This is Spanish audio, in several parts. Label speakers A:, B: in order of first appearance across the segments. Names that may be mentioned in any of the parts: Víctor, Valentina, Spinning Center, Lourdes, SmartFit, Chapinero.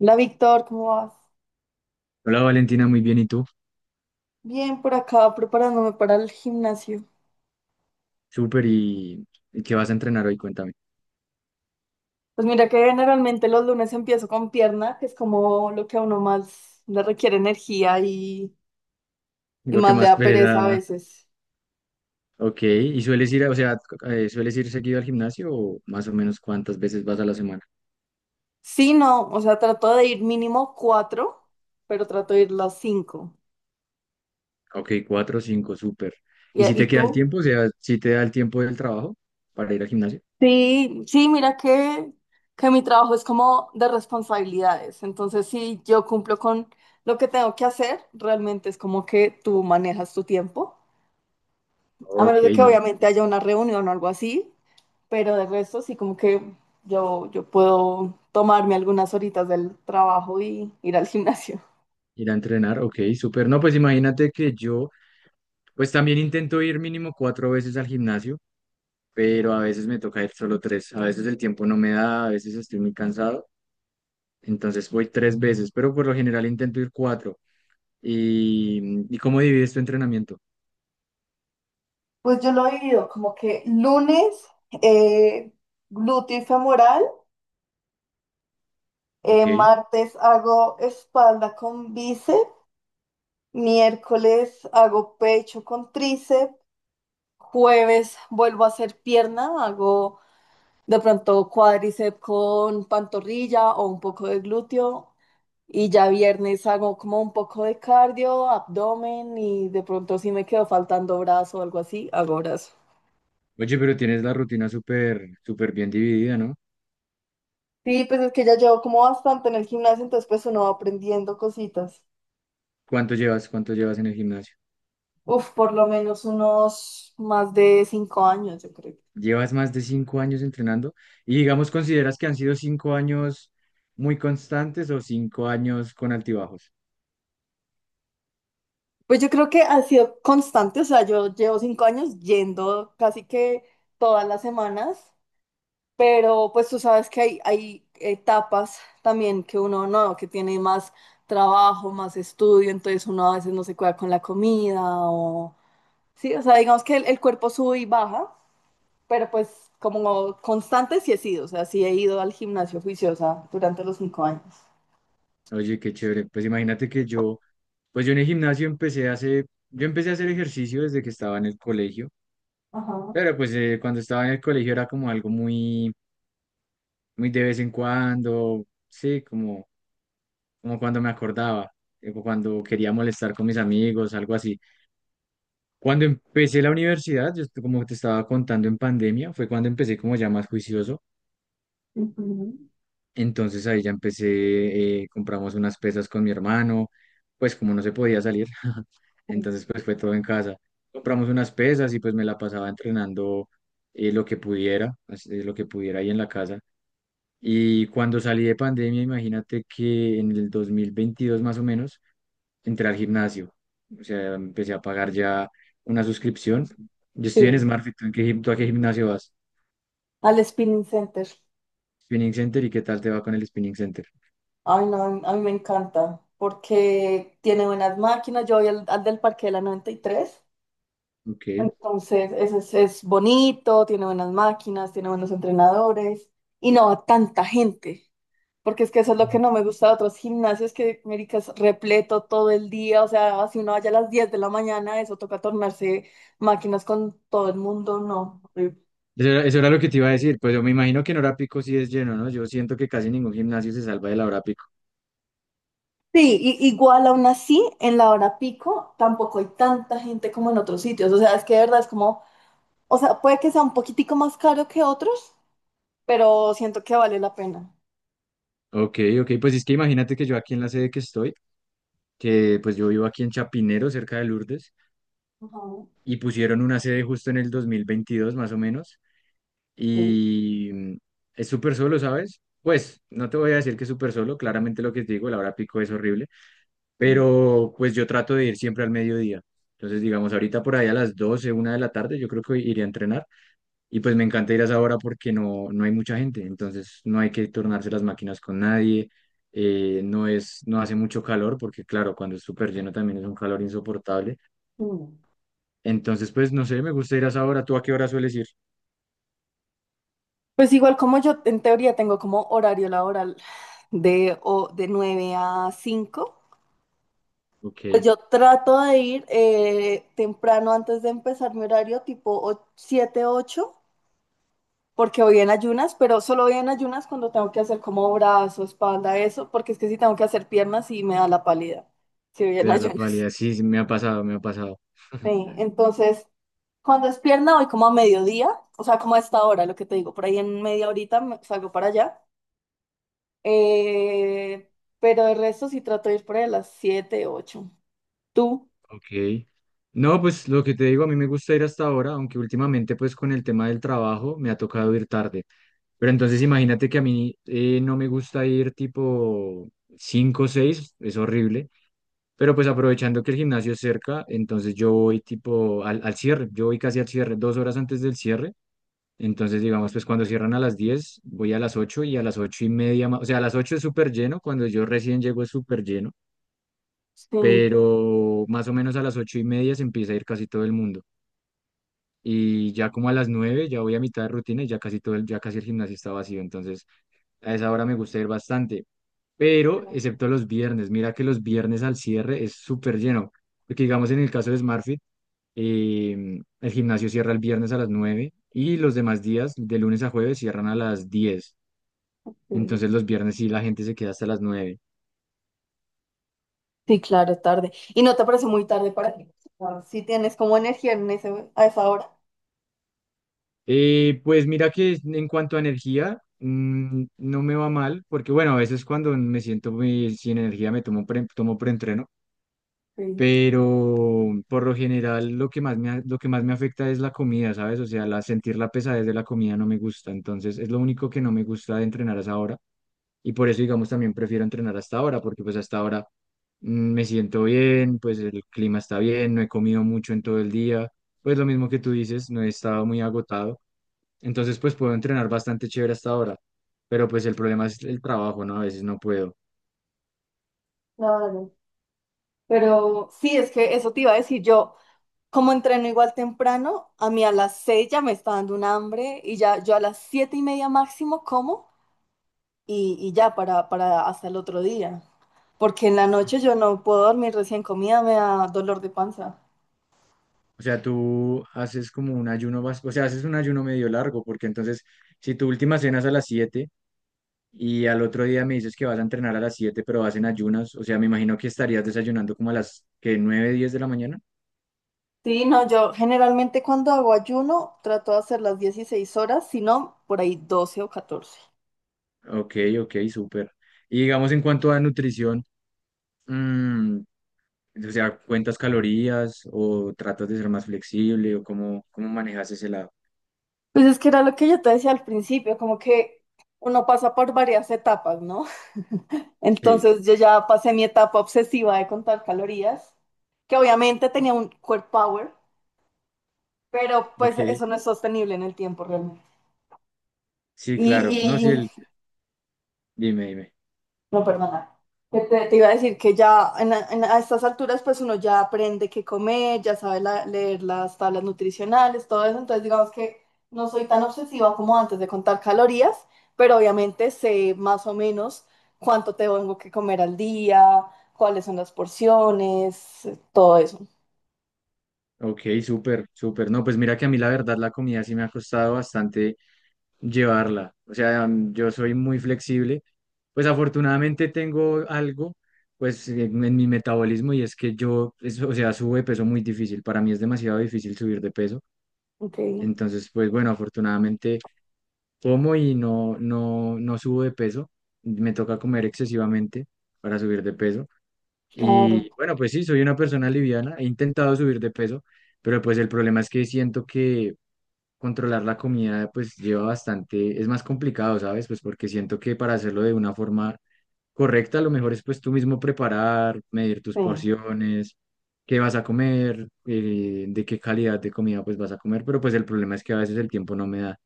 A: Hola Víctor, ¿cómo vas?
B: Hola Valentina, muy bien. ¿Y tú?
A: Bien, por acá preparándome para el gimnasio.
B: Súper. ¿Y qué vas a entrenar hoy? Cuéntame.
A: Pues mira que generalmente los lunes empiezo con pierna, que es como lo que a uno más le requiere energía y
B: Lo que
A: más le
B: más
A: da
B: pereza
A: pereza a
B: da.
A: veces.
B: Ok. ¿Y sueles ir, o sea, sueles ir seguido al gimnasio o más o menos cuántas veces vas a la semana?
A: Sí, no, o sea, trato de ir mínimo cuatro, pero trato de ir las cinco.
B: Ok, cuatro, o cinco, súper.
A: ¿Y,
B: ¿Y si
A: y
B: te queda el
A: tú?
B: tiempo? O sea, si te da el tiempo del trabajo para ir al gimnasio.
A: Sí, sí, mira que mi trabajo es como de responsabilidades. Entonces, si yo cumplo con lo que tengo que hacer, realmente es como que tú manejas tu tiempo. A menos
B: Ok,
A: de que
B: no.
A: obviamente haya una reunión o algo así, pero de resto sí como que yo puedo tomarme algunas horitas del trabajo y ir al gimnasio.
B: Ir a entrenar, ok, súper. No, pues imagínate que yo, pues también intento ir mínimo cuatro veces al gimnasio. Pero a veces me toca ir solo tres. A veces el tiempo no me da, a veces estoy muy cansado. Entonces voy tres veces, pero por lo general intento ir cuatro. ¿Y cómo divides tu entrenamiento?
A: Pues yo lo he dividido como que lunes eh, glúteo y femoral,
B: Ok.
A: martes hago espalda con bíceps, miércoles hago pecho con tríceps, jueves vuelvo a hacer pierna, hago de pronto cuádriceps con pantorrilla o un poco de glúteo. Y ya viernes hago como un poco de cardio, abdomen y de pronto si me quedo faltando brazo o algo así, hago brazo.
B: Oye, pero tienes la rutina súper, súper bien dividida, ¿no?
A: Sí, pues es que ya llevo como bastante en el gimnasio, entonces pues uno va aprendiendo cositas.
B: ¿Cuánto llevas en el gimnasio?
A: Uf, por lo menos unos más de 5 años, yo creo.
B: ¿Llevas más de cinco años entrenando? Y digamos, ¿consideras que han sido cinco años muy constantes o cinco años con altibajos?
A: Pues yo creo que ha sido constante, o sea, yo llevo 5 años yendo casi que todas las semanas. Pero pues tú sabes que hay etapas también que uno no, que tiene más trabajo, más estudio, entonces uno a veces no se cuida con la comida Sí, o sea, digamos que el cuerpo sube y baja, pero pues como constante sí he sido, o sea, sí he ido al gimnasio juiciosa durante los 5 años.
B: Oye, qué chévere. Pues imagínate que yo, pues yo en el gimnasio empecé hace, yo empecé a hacer ejercicio desde que estaba en el colegio,
A: Ajá.
B: pero pues cuando estaba en el colegio era como algo muy muy de vez en cuando, sí, como cuando me acordaba, o cuando quería molestar con mis amigos, algo así. Cuando empecé la universidad, como te estaba contando en pandemia, fue cuando empecé como ya más juicioso.
A: Ujú.
B: Entonces ahí ya empecé, compramos unas pesas con mi hermano, pues como no se podía salir, entonces pues fue todo en casa. Compramos unas pesas y pues me la pasaba entrenando lo que pudiera, lo que pudiera ahí en la casa. Y cuando salí de pandemia, imagínate que en el 2022 más o menos, entré al gimnasio. O sea, empecé a pagar ya una suscripción. Yo estoy en
A: Sí,
B: SmartFit. ¿Tú a qué gimnasio vas?
A: al Spinning Center.
B: Spinning Center. ¿Y qué tal te va con el Spinning Center?
A: Ay, no, a mí me encanta porque tiene buenas máquinas. Yo voy al del Parque de la 93.
B: Ok.
A: Entonces, es bonito, tiene buenas máquinas, tiene buenos entrenadores y no a tanta gente, porque es que eso es lo que
B: Ujú.
A: no me gusta de otros gimnasios, que América es repleto todo el día, o sea, si uno vaya a las 10 de la mañana, eso toca tornarse máquinas con todo el mundo, no, horrible.
B: Eso era lo que te iba a decir. Pues yo me imagino que en hora pico sí es lleno, ¿no? Yo siento que casi ningún gimnasio se salva de la hora pico.
A: Sí, igual aún así, en la hora pico tampoco hay tanta gente como en otros sitios, o sea, es que de verdad es como, o sea, puede que sea un poquitico más caro que otros, pero siento que vale la pena.
B: Ok, ok. Pues es que imagínate que yo aquí en la sede que estoy, que pues yo vivo aquí en Chapinero, cerca de Lourdes.
A: Ajá,
B: Y pusieron una sede justo en el 2022 más o menos.
A: sí.
B: Y es súper solo, ¿sabes? Pues no te voy a decir que es súper solo, claramente lo que te digo, la hora pico es horrible,
A: Sí.
B: pero pues yo trato de ir siempre al mediodía. Entonces, digamos, ahorita por ahí a las doce una de la tarde, yo creo que iré a entrenar y pues me encanta ir a esa hora porque no hay mucha gente, entonces no hay que tornarse las máquinas con nadie, no hace mucho calor porque claro, cuando es súper lleno también es un calor insoportable.
A: Mm.
B: Entonces, pues no sé, me gusta ir a esa hora. ¿Tú a qué hora sueles ir?
A: Pues igual como yo en teoría tengo como horario laboral de 9 a 5.
B: Ok,
A: Pues yo trato de ir temprano antes de empezar mi horario, tipo 7, 8, porque voy en ayunas, pero solo voy en ayunas cuando tengo que hacer como brazo, espalda, eso, porque es que si tengo que hacer piernas sí me da la pálida, si voy
B: te
A: en
B: da la
A: ayunas.
B: pálida. Sí, sí, me ha pasado, me ha pasado.
A: Sí, entonces cuando es pierna voy como a mediodía, o sea, como a esta hora, lo que te digo, por ahí en media horita salgo para allá. Eh, pero el resto sí trato de ir por ahí a las 7, 8. ¿Tú?
B: Ok. No, pues lo que te digo, a mí me gusta ir hasta ahora, aunque últimamente pues con el tema del trabajo me ha tocado ir tarde. Pero entonces imagínate que a mí no me gusta ir tipo 5 o 6, es horrible. Pero pues aprovechando que el gimnasio es cerca, entonces yo voy tipo al cierre, yo voy casi al cierre, 2 horas antes del cierre. Entonces, digamos, pues cuando cierran a las 10 voy a las 8 y a las 8 y media, o sea, a las 8 es súper lleno, cuando yo recién llego es súper lleno,
A: Sí,
B: pero más o menos a las 8 y media se empieza a ir casi todo el mundo. Y ya como a las 9 ya voy a mitad de rutina y ya casi todo el, ya casi el gimnasio está vacío, entonces a esa hora me gusta ir bastante, pero
A: claro.
B: excepto los viernes, mira que los viernes al cierre es súper lleno, porque digamos en el caso de SmartFit, el gimnasio cierra el viernes a las 9 y los demás días, de lunes a jueves, cierran a las diez.
A: Sí,
B: Entonces los viernes sí la gente se queda hasta las nueve.
A: sí, claro, tarde. ¿Y no te parece muy tarde para ti? Si tienes como energía a esa hora.
B: Pues mira que en cuanto a energía, no me va mal, porque bueno, a veces cuando me siento muy sin energía tomo preentreno,
A: Sí,
B: pero por lo general lo que más me afecta es la comida, ¿sabes? O sea, sentir la pesadez de la comida no me gusta, entonces es lo único que no me gusta de entrenar a esa hora. Y por eso, digamos, también prefiero entrenar hasta ahora, porque pues hasta ahora me siento bien, pues el clima está bien, no he comido mucho en todo el día, pues lo mismo que tú dices, no he estado muy agotado. Entonces, pues puedo entrenar bastante chévere hasta ahora, pero pues el problema es el trabajo, ¿no? A veces no puedo.
A: claro. Pero sí, es que eso te iba a decir yo. Como entreno igual temprano, a mí a las 6 ya me está dando un hambre y ya yo a las 7:30 máximo como y ya para hasta el otro día. Porque en la noche yo no puedo dormir recién comida, me da dolor de panza.
B: O sea, tú haces como un ayuno, o sea, haces un ayuno medio largo, porque entonces, si tu última cena es a las 7 y al otro día me dices que vas a entrenar a las 7 pero vas en ayunas, o sea, me imagino que estarías desayunando como a las que 9 10 de la mañana.
A: Sí, no, yo generalmente cuando hago ayuno trato de hacer las 16 horas, si no, por ahí 12 o 14.
B: Ok, ok, súper. Y digamos en cuanto a nutrición, mm, o sea, ¿cuentas calorías o tratas de ser más flexible o cómo manejas ese lado?
A: Pues es que era lo que yo te decía al principio, como que uno pasa por varias etapas, ¿no?
B: Sí,
A: Entonces yo ya pasé mi etapa obsesiva de contar calorías, que obviamente tenía un core power, pero
B: ok.
A: pues eso no es sostenible en el tiempo realmente.
B: Sí, claro. No, sí,
A: Y,
B: dime, dime.
A: No, perdona. Que te iba a decir que ya a estas alturas pues uno ya aprende qué comer, ya sabe leer las tablas nutricionales, todo eso, entonces digamos que no soy tan obsesiva como antes de contar calorías, pero obviamente sé más o menos cuánto tengo que comer al día, cuáles son las porciones, todo eso.
B: Ok, súper, súper. No, pues mira que a mí la verdad la comida sí me ha costado bastante llevarla. O sea, yo soy muy flexible. Pues afortunadamente tengo algo, pues en mi metabolismo y es que yo, o sea, subo de peso muy difícil. Para mí es demasiado difícil subir de peso.
A: Ok,
B: Entonces, pues bueno, afortunadamente como y no subo de peso. Me toca comer excesivamente para subir de peso.
A: claro.
B: Y bueno, pues sí, soy una persona liviana. He intentado subir de peso, pero pues el problema es que siento que controlar la comida pues lleva bastante, es más complicado, ¿sabes? Pues porque siento que para hacerlo de una forma correcta, lo mejor es pues tú mismo preparar, medir tus
A: Sí.
B: porciones qué vas a comer, de qué calidad de comida pues vas a comer, pero pues el problema es que a veces el tiempo no me da.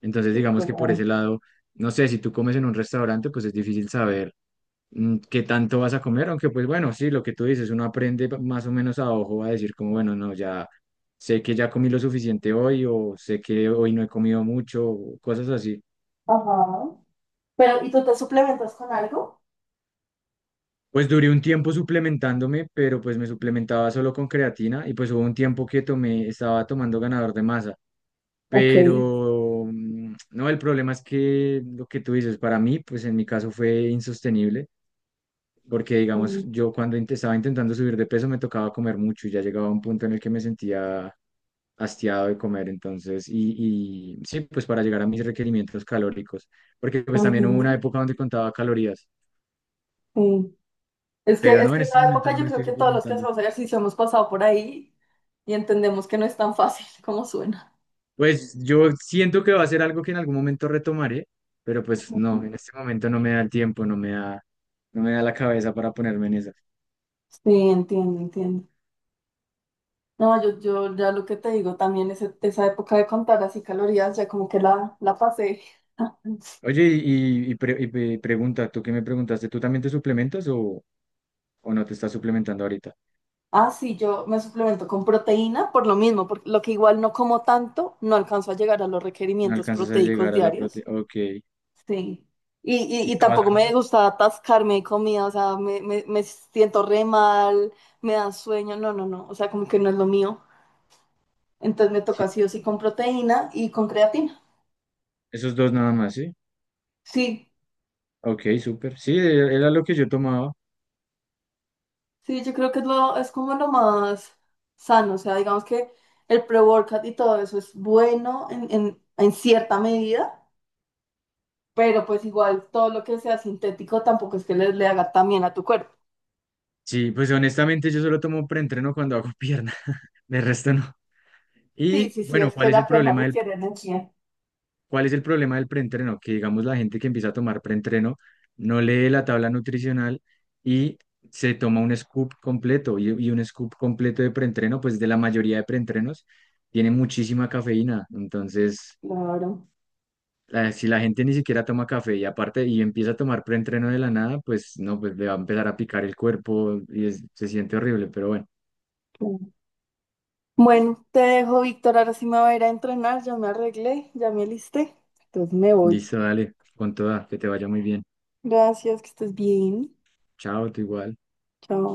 B: Entonces,
A: Sí,
B: digamos que por ese
A: claro.
B: lado, no sé, si tú comes en un restaurante, pues es difícil saber qué tanto vas a comer, aunque pues bueno, sí, lo que tú dices, uno aprende más o menos a ojo a decir como, bueno, no, ya sé que ya comí lo suficiente hoy o sé que hoy no he comido mucho, o cosas así.
A: Ajá. Pero, ¿y tú te suplementas con algo?
B: Pues duré un tiempo suplementándome, pero pues me suplementaba solo con creatina y pues hubo un tiempo que estaba tomando ganador de masa.
A: Ok.
B: Pero no, el problema es que lo que tú dices, para mí, pues en mi caso fue insostenible porque digamos,
A: Mm.
B: yo cuando estaba intentando subir de peso me tocaba comer mucho y ya llegaba a un punto en el que me sentía hastiado de comer, entonces, y sí, pues para llegar a mis requerimientos calóricos, porque pues también hubo una
A: Ujú.
B: época donde contaba calorías,
A: Sí. Es que,
B: pero
A: es
B: no,
A: que
B: en este
A: esa
B: momento
A: época
B: no
A: yo
B: me
A: creo
B: estoy
A: que todos los que
B: suplementando.
A: hacemos ejercicio hemos pasado por ahí y entendemos que no es tan fácil como suena.
B: Pues yo siento que va a ser algo que en algún momento retomaré, pero pues no, en este momento no me da el tiempo, no me da, no me da la cabeza para ponerme en eso.
A: Sí, entiendo, entiendo. No, yo ya lo que te digo, también esa época de contar así calorías, ya como que la pasé.
B: Oye, pregunta, ¿tú qué me preguntaste? ¿Tú también te suplementas o no te estás suplementando ahorita?
A: Ah, sí, yo me suplemento con proteína por lo mismo, por lo que igual no como tanto, no alcanzo a llegar a los
B: No
A: requerimientos
B: alcanzas a
A: proteicos
B: llegar a la
A: diarios.
B: proteína. Ok.
A: Sí. Y, y,
B: ¿Y
A: y
B: tomas
A: tampoco
B: algo
A: me
B: más?
A: gusta atascarme de comida, o sea, me siento re mal, me da sueño, no, no, no, o sea, como que no es lo mío. Entonces me toca
B: Sí.
A: sí o sí con proteína y con creatina.
B: Esos dos nada más, ¿sí?
A: Sí,
B: Ok, súper. Sí, era lo que yo tomaba.
A: sí, yo creo que es como lo más sano, o sea, digamos que el pre-workout y todo eso es bueno en cierta medida, pero pues igual todo lo que sea sintético tampoco es que le haga tan bien a tu cuerpo.
B: Sí, pues honestamente yo solo tomo preentreno cuando hago pierna. De resto no.
A: Sí,
B: Y
A: sí, sí,
B: bueno,
A: es que la pierna requiere energía.
B: ¿Cuál es el problema del preentreno? Que digamos la gente que empieza a tomar preentreno no lee la tabla nutricional y se toma un scoop completo y un scoop completo de preentreno, pues de la mayoría de preentrenos tiene muchísima cafeína. Entonces,
A: Claro.
B: si la gente ni siquiera toma café y aparte y empieza a tomar preentreno de la nada, pues no, pues le va a empezar a picar el cuerpo y se siente horrible. Pero bueno,
A: Bueno, te dejo, Víctor. Ahora sí me voy a ir a entrenar. Ya me arreglé, ya me alisté. Entonces me voy.
B: listo, dale, con toda, que te vaya muy bien.
A: Gracias, que estés bien.
B: Chao, tú igual.
A: Chao.